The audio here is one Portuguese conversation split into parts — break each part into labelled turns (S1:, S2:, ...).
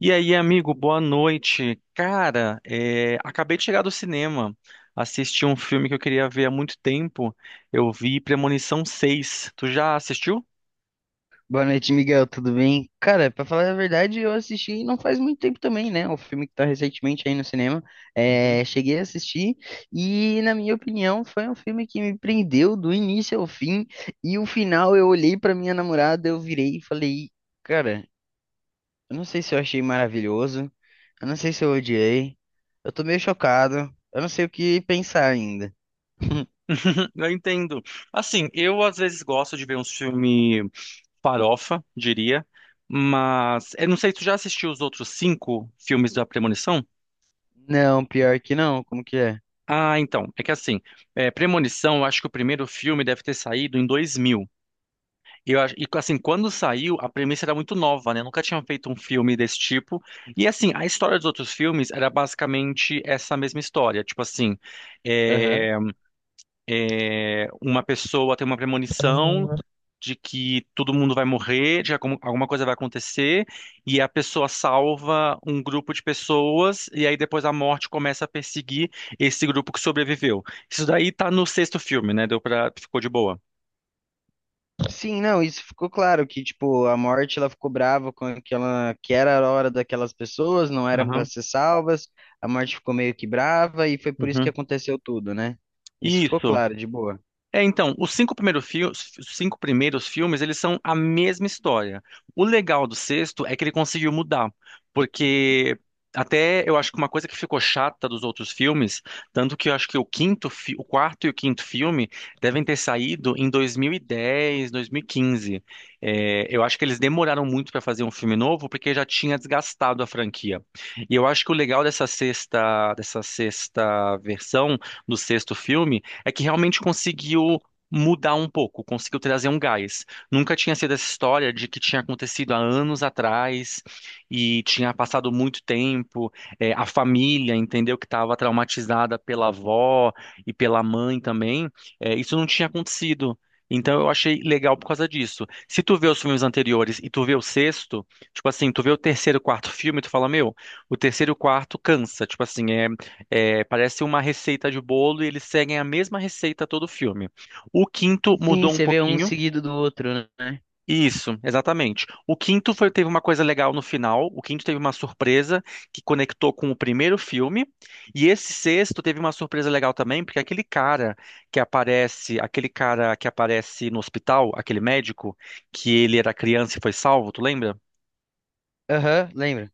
S1: E aí, amigo, boa noite. Cara, acabei de chegar do cinema, assisti um filme que eu queria ver há muito tempo. Eu vi Premonição 6. Tu já assistiu?
S2: Boa noite, Miguel. Tudo bem? Cara, pra falar a verdade, eu assisti não faz muito tempo também, né? O filme que tá recentemente aí no cinema.
S1: Uhum.
S2: É, cheguei a assistir e, na minha opinião, foi um filme que me prendeu do início ao fim. E o final, eu olhei pra minha namorada, eu virei e falei: Cara, eu não sei se eu achei maravilhoso, eu não sei se eu odiei, eu tô meio chocado, eu não sei o que pensar ainda.
S1: Eu entendo. Assim, eu às vezes gosto de ver uns filme farofa, diria, mas eu não sei, tu já assistiu os outros cinco filmes da Premonição?
S2: Não, pior que não, como que é?
S1: Ah, então, Premonição, eu acho que o primeiro filme deve ter saído em 2000. Eu acho, e assim, quando saiu, a premissa era muito nova, né? Nunca tinham feito um filme desse tipo. E assim, a história dos outros filmes era basicamente essa mesma história.
S2: Aham.
S1: É, uma pessoa tem uma premonição de que todo mundo vai morrer, de alguma coisa vai acontecer, e a pessoa salva um grupo de pessoas, e aí depois a morte começa a perseguir esse grupo que sobreviveu. Isso daí tá no sexto filme, né? Deu pra, ficou de boa.
S2: Sim, não, isso ficou claro que tipo a morte ela ficou brava com aquela que era a hora daquelas pessoas, não eram para
S1: Aham.
S2: ser salvas. A morte ficou meio que brava e foi por isso que
S1: Uhum.
S2: aconteceu tudo, né? Isso ficou
S1: Isso.
S2: claro, de boa.
S1: É, então, os cinco primeiros filmes, eles são a mesma história. O legal do sexto é que ele conseguiu mudar, porque até eu acho que uma coisa que ficou chata dos outros filmes, tanto que eu acho que o o quarto e o quinto filme devem ter saído em 2010, 2015. É, eu acho que eles demoraram muito para fazer um filme novo porque já tinha desgastado a franquia. E eu acho que o legal dessa sexta versão do sexto filme é que realmente conseguiu mudar um pouco, conseguiu trazer um gás. Nunca tinha sido essa história de que tinha acontecido há anos atrás e tinha passado muito tempo. É, a família entendeu que estava traumatizada pela avó e pela mãe também. É, isso não tinha acontecido. Então eu achei legal por causa disso. Se tu vê os filmes anteriores e tu vê o sexto, tipo assim, tu vê o terceiro, quarto filme, tu fala, meu, o terceiro e o quarto cansa, parece uma receita de bolo e eles seguem a mesma receita todo o filme. O quinto
S2: Sim,
S1: mudou um
S2: você vê um
S1: pouquinho.
S2: seguido do outro, né?
S1: Isso, exatamente. O teve uma coisa legal no final. O quinto teve uma surpresa que conectou com o primeiro filme. E esse sexto teve uma surpresa legal também, porque aquele cara que aparece, aquele cara que aparece no hospital, aquele médico, que ele era criança e foi salvo, tu lembra?
S2: Aham, lembra?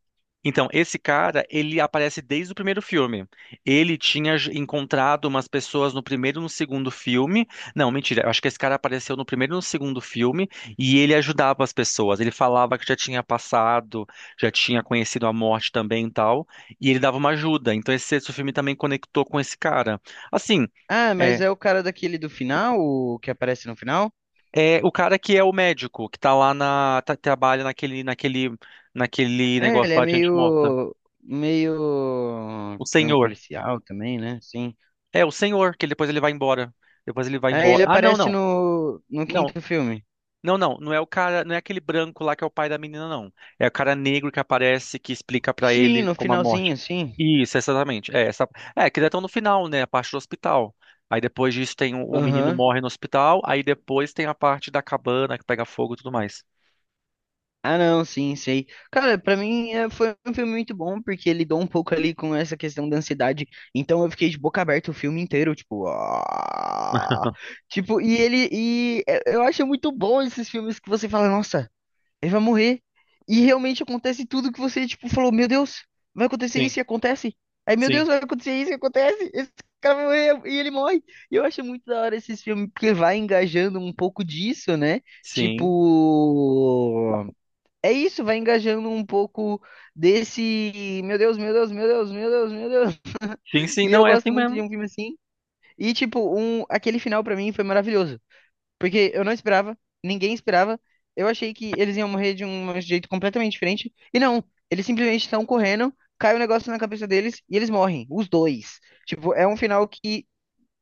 S1: Então, esse cara, ele aparece desde o primeiro filme. Ele tinha encontrado umas pessoas no primeiro e no segundo filme. Não, mentira, eu acho que esse cara apareceu no primeiro e no segundo filme e ele ajudava as pessoas. Ele falava que já tinha passado, já tinha conhecido a morte também e tal, e ele dava uma ajuda. Então, esse sexto filme também conectou com esse cara. Assim,
S2: Ah,
S1: é,
S2: mas é o cara daquele do final, o que aparece no final?
S1: é o cara que é o médico, que tá trabalha naquele
S2: É,
S1: negócio
S2: ele é
S1: lá de gente morta.
S2: meio
S1: O
S2: que um
S1: senhor.
S2: policial também, né? Sim.
S1: É o senhor, que depois ele vai embora. Depois ele vai
S2: Aí
S1: embora.
S2: ele
S1: Ah, não,
S2: aparece
S1: não.
S2: no
S1: Não.
S2: quinto filme.
S1: Não, não, não é o cara, não é aquele branco lá que é o pai da menina, não. É o cara negro que aparece, que explica pra
S2: Sim,
S1: ele
S2: no
S1: como a morte.
S2: finalzinho, sim.
S1: Isso, exatamente. É, essa... é que já estão no final, né? A parte do hospital. Aí depois disso tem o menino
S2: Aham.
S1: morre no hospital, aí depois tem a parte da cabana que pega fogo e tudo mais.
S2: Ah, não, sim, sei. Cara, pra mim é, foi um filme muito bom, porque ele lidou um pouco ali com essa questão da ansiedade. Então eu fiquei de boca aberta o filme inteiro, tipo. "Ah". Tipo, e ele. E é, eu acho muito bom esses filmes que você fala, nossa. Ele vai morrer. E realmente acontece tudo que você, tipo, falou, meu Deus, vai acontecer
S1: Sim,
S2: isso e acontece. Aí, meu Deus,
S1: sim,
S2: vai acontecer isso e acontece. Esse cara vai morrer e ele morre. E eu acho muito da hora esses filmes, porque vai engajando um pouco disso, né? Tipo,
S1: sim.
S2: é isso, vai engajando um pouco desse, meu Deus, meu Deus, meu Deus, meu Deus, meu Deus.
S1: Sim, sim,
S2: E eu
S1: não é assim
S2: gosto muito de
S1: mesmo.
S2: um filme assim. E, tipo, um, aquele final pra mim foi maravilhoso. Porque eu não esperava, ninguém esperava. Eu achei que eles iam morrer de um jeito completamente diferente. E não, eles simplesmente estão correndo, cai um negócio na cabeça deles e eles morrem, os dois. Tipo, é um final que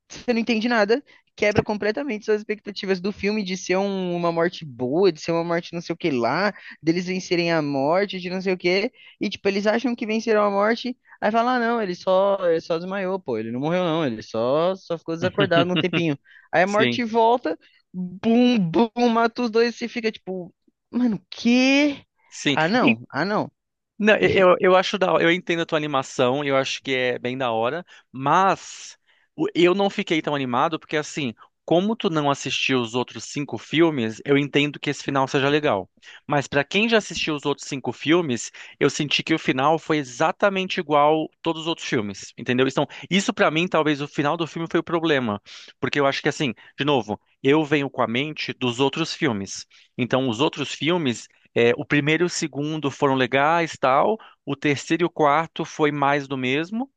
S2: você não entende nada, quebra completamente suas expectativas do filme de ser um- uma morte boa, de ser uma morte não sei o que lá, deles vencerem a morte, de não sei o que, e tipo, eles acham que venceram a morte, aí fala, ah, não, ele só desmaiou, pô, ele não morreu não, ele só, só ficou desacordado um tempinho. Aí a
S1: Sim,
S2: morte volta, bum, bum, mata os dois, e você fica tipo, mano, que?
S1: sim.
S2: Ah,
S1: E
S2: não, ah, não.
S1: não, eu acho da, eu entendo a tua animação, eu acho que é bem da hora, mas eu não fiquei tão animado porque assim, como tu não assistiu os outros cinco filmes, eu entendo que esse final seja legal. Mas pra quem já assistiu os outros cinco filmes, eu senti que o final foi exatamente igual todos os outros filmes, entendeu? Então, isso pra mim, talvez o final do filme foi o problema, porque eu acho que assim, de novo, eu venho com a mente dos outros filmes. Então, os outros filmes é, o primeiro e o segundo foram legais, tal. O terceiro e o quarto foi mais do mesmo.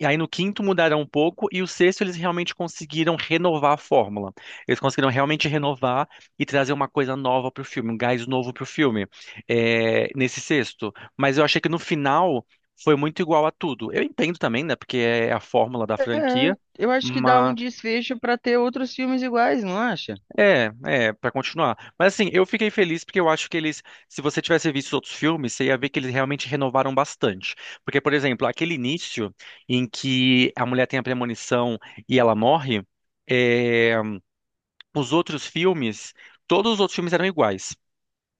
S1: E aí no quinto mudaram um pouco e o sexto eles realmente conseguiram renovar a fórmula. Eles conseguiram realmente renovar e trazer uma coisa nova pro filme, um gás novo pro filme, nesse sexto. Mas eu achei que no final foi muito igual a tudo. Eu entendo também, né? Porque é a fórmula da
S2: É,
S1: franquia,
S2: eu acho que dá um
S1: mas
S2: desfecho pra ter outros filmes iguais, não acha?
S1: é, é, pra continuar. Mas assim, eu fiquei feliz porque eu acho que eles, se você tivesse visto os outros filmes, você ia ver que eles realmente renovaram bastante. Porque, por exemplo, aquele início em que a mulher tem a premonição e ela morre, é, os outros filmes, todos os outros filmes eram iguais.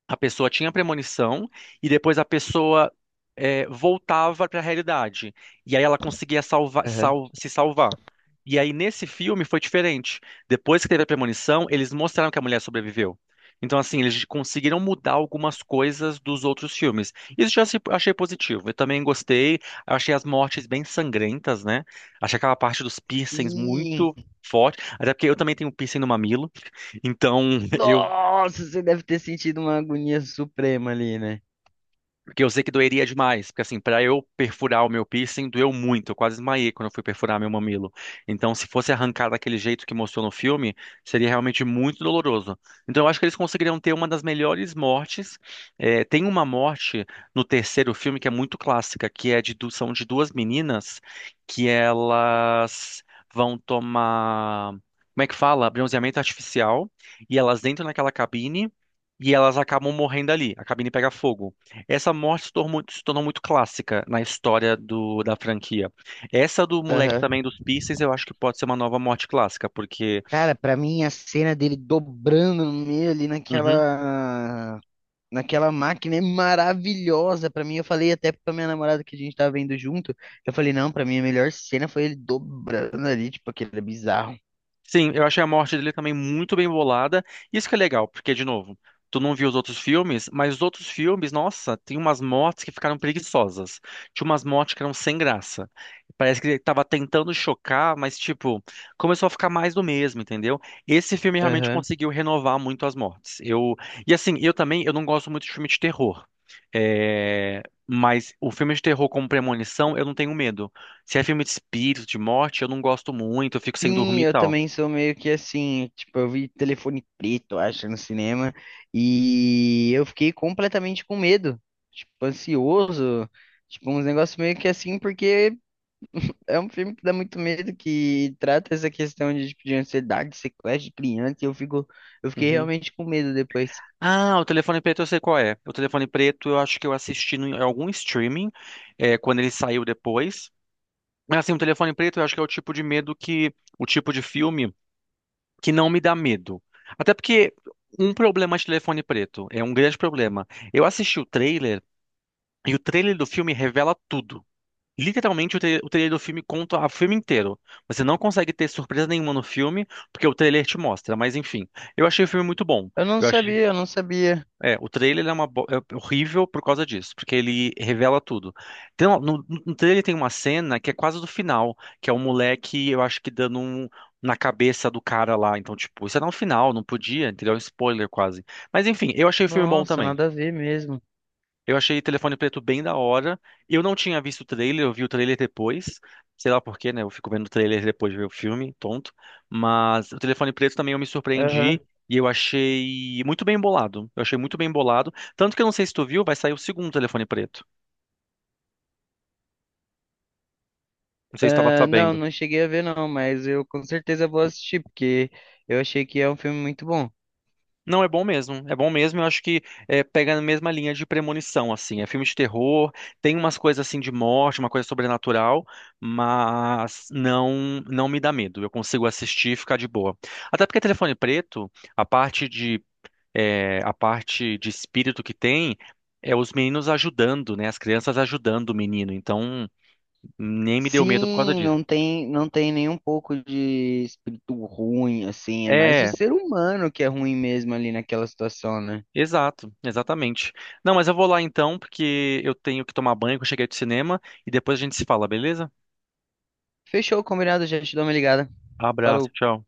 S1: A pessoa tinha premonição e depois a pessoa voltava para a realidade. E aí ela conseguia
S2: Aham.
S1: se salvar. E aí nesse filme foi diferente. Depois que teve a premonição, eles mostraram que a mulher sobreviveu. Então, assim, eles conseguiram mudar algumas coisas dos outros filmes. Isso eu já se- achei positivo. Eu também gostei. Achei as mortes bem sangrentas, né? Achei aquela parte dos piercings
S2: Sim.
S1: muito forte. Até porque eu também tenho um piercing no mamilo. Então, eu
S2: Nossa, você deve ter sentido uma agonia suprema ali, né?
S1: porque eu sei que doeria demais, porque assim, para eu perfurar o meu piercing, doeu muito, eu quase esmaiei quando eu fui perfurar meu mamilo. Então, se fosse arrancar daquele jeito que mostrou no filme, seria realmente muito doloroso. Então, eu acho que eles conseguiriam ter uma das melhores mortes. É, tem uma morte no terceiro filme que é muito clássica, que é são de duas meninas que elas vão tomar, como é que fala? Bronzeamento artificial, e elas entram naquela cabine e elas acabam morrendo ali. A cabine pega fogo. Essa morte se tornou muito clássica na história do, da franquia. Essa do moleque
S2: Aham.
S1: também dos Pistons, eu acho que pode ser uma nova morte clássica, porque
S2: Cara, pra mim a cena dele dobrando no meio ali
S1: uhum,
S2: naquela máquina é maravilhosa. Pra mim, eu falei até pra minha namorada que a gente tava vendo junto, eu falei, não, pra mim a melhor cena foi ele dobrando ali, tipo, aquele bizarro.
S1: sim, eu achei a morte dele também muito bem bolada. Isso que é legal, porque, de novo, tu não viu os outros filmes, mas os outros filmes, nossa, tem umas mortes que ficaram preguiçosas. Tinha umas mortes que eram sem graça. Parece que ele tava tentando chocar, mas, tipo, começou a ficar mais do mesmo, entendeu? Esse filme realmente
S2: Aham.
S1: conseguiu renovar muito as mortes. Eu... e assim, eu também, eu não gosto muito de filme de terror. É, mas o filme de terror como premonição, eu não tenho medo. Se é filme de espírito, de morte, eu não gosto muito, eu fico sem dormir
S2: Sim,
S1: e
S2: eu
S1: tal.
S2: também sou meio que assim, tipo, eu vi Telefone Preto, acho, no cinema, e eu fiquei completamente com medo, tipo, ansioso, tipo, uns negócios meio que assim, porque é um filme que dá muito medo, que trata essa questão de, tipo, de ansiedade, sequestro de criança, e eu fico, eu fiquei
S1: Uhum.
S2: realmente com medo depois.
S1: Ah, o telefone preto eu sei qual é. O telefone preto eu acho que eu assisti em algum streaming, quando ele saiu depois. Mas assim, o telefone preto eu acho que é o tipo de medo que, o tipo de filme que não me dá medo. Até porque um problema de telefone preto é um grande problema. Eu assisti o trailer e o trailer do filme revela tudo. Literalmente, o o trailer do filme conta o filme inteiro. Você não consegue ter surpresa nenhuma no filme, porque o trailer te mostra. Mas enfim, eu achei o filme muito bom.
S2: Eu não
S1: Eu achei,
S2: sabia, eu não sabia.
S1: o trailer é, é horrível por causa disso, porque ele revela tudo. Então no trailer tem uma cena que é quase do final, que é um moleque, eu acho que dando um na cabeça do cara lá. Então, tipo, isso era um final, não podia, entendeu? É um spoiler quase. Mas enfim, eu achei o filme bom
S2: Nossa,
S1: também.
S2: nada a ver mesmo.
S1: Eu achei Telefone Preto bem da hora. Eu não tinha visto o trailer, eu vi o trailer depois. Sei lá por quê, né? Eu fico vendo o trailer depois de ver o filme, tonto. Mas o Telefone Preto também eu me
S2: Aham.
S1: surpreendi e eu achei muito bem bolado. Eu achei muito bem bolado. Tanto que eu não sei se tu viu, vai sair o segundo Telefone Preto. Não sei se tu tava
S2: Ah, não,
S1: sabendo.
S2: não cheguei a ver não, mas eu com certeza vou assistir, porque eu achei que é um filme muito bom.
S1: Não, é bom mesmo. É bom mesmo. Eu acho que pega na mesma linha de premonição, assim. É filme de terror, tem umas coisas assim de morte, uma coisa sobrenatural, mas não me dá medo. Eu consigo assistir e ficar de boa. Até porque Telefone Preto, a parte de a parte de espírito que tem é os meninos ajudando, né? As crianças ajudando o menino. Então nem me deu medo por causa
S2: Sim,
S1: disso.
S2: não tem, nem um pouco de espírito ruim, assim. É mais o
S1: É,
S2: ser humano que é ruim mesmo ali naquela situação, né?
S1: exato, exatamente. Não, mas eu vou lá então, porque eu tenho que tomar banho que eu cheguei do cinema e depois a gente se fala, beleza?
S2: Fechou, combinado, já te dou uma ligada.
S1: Abraço,
S2: Falou.
S1: tchau.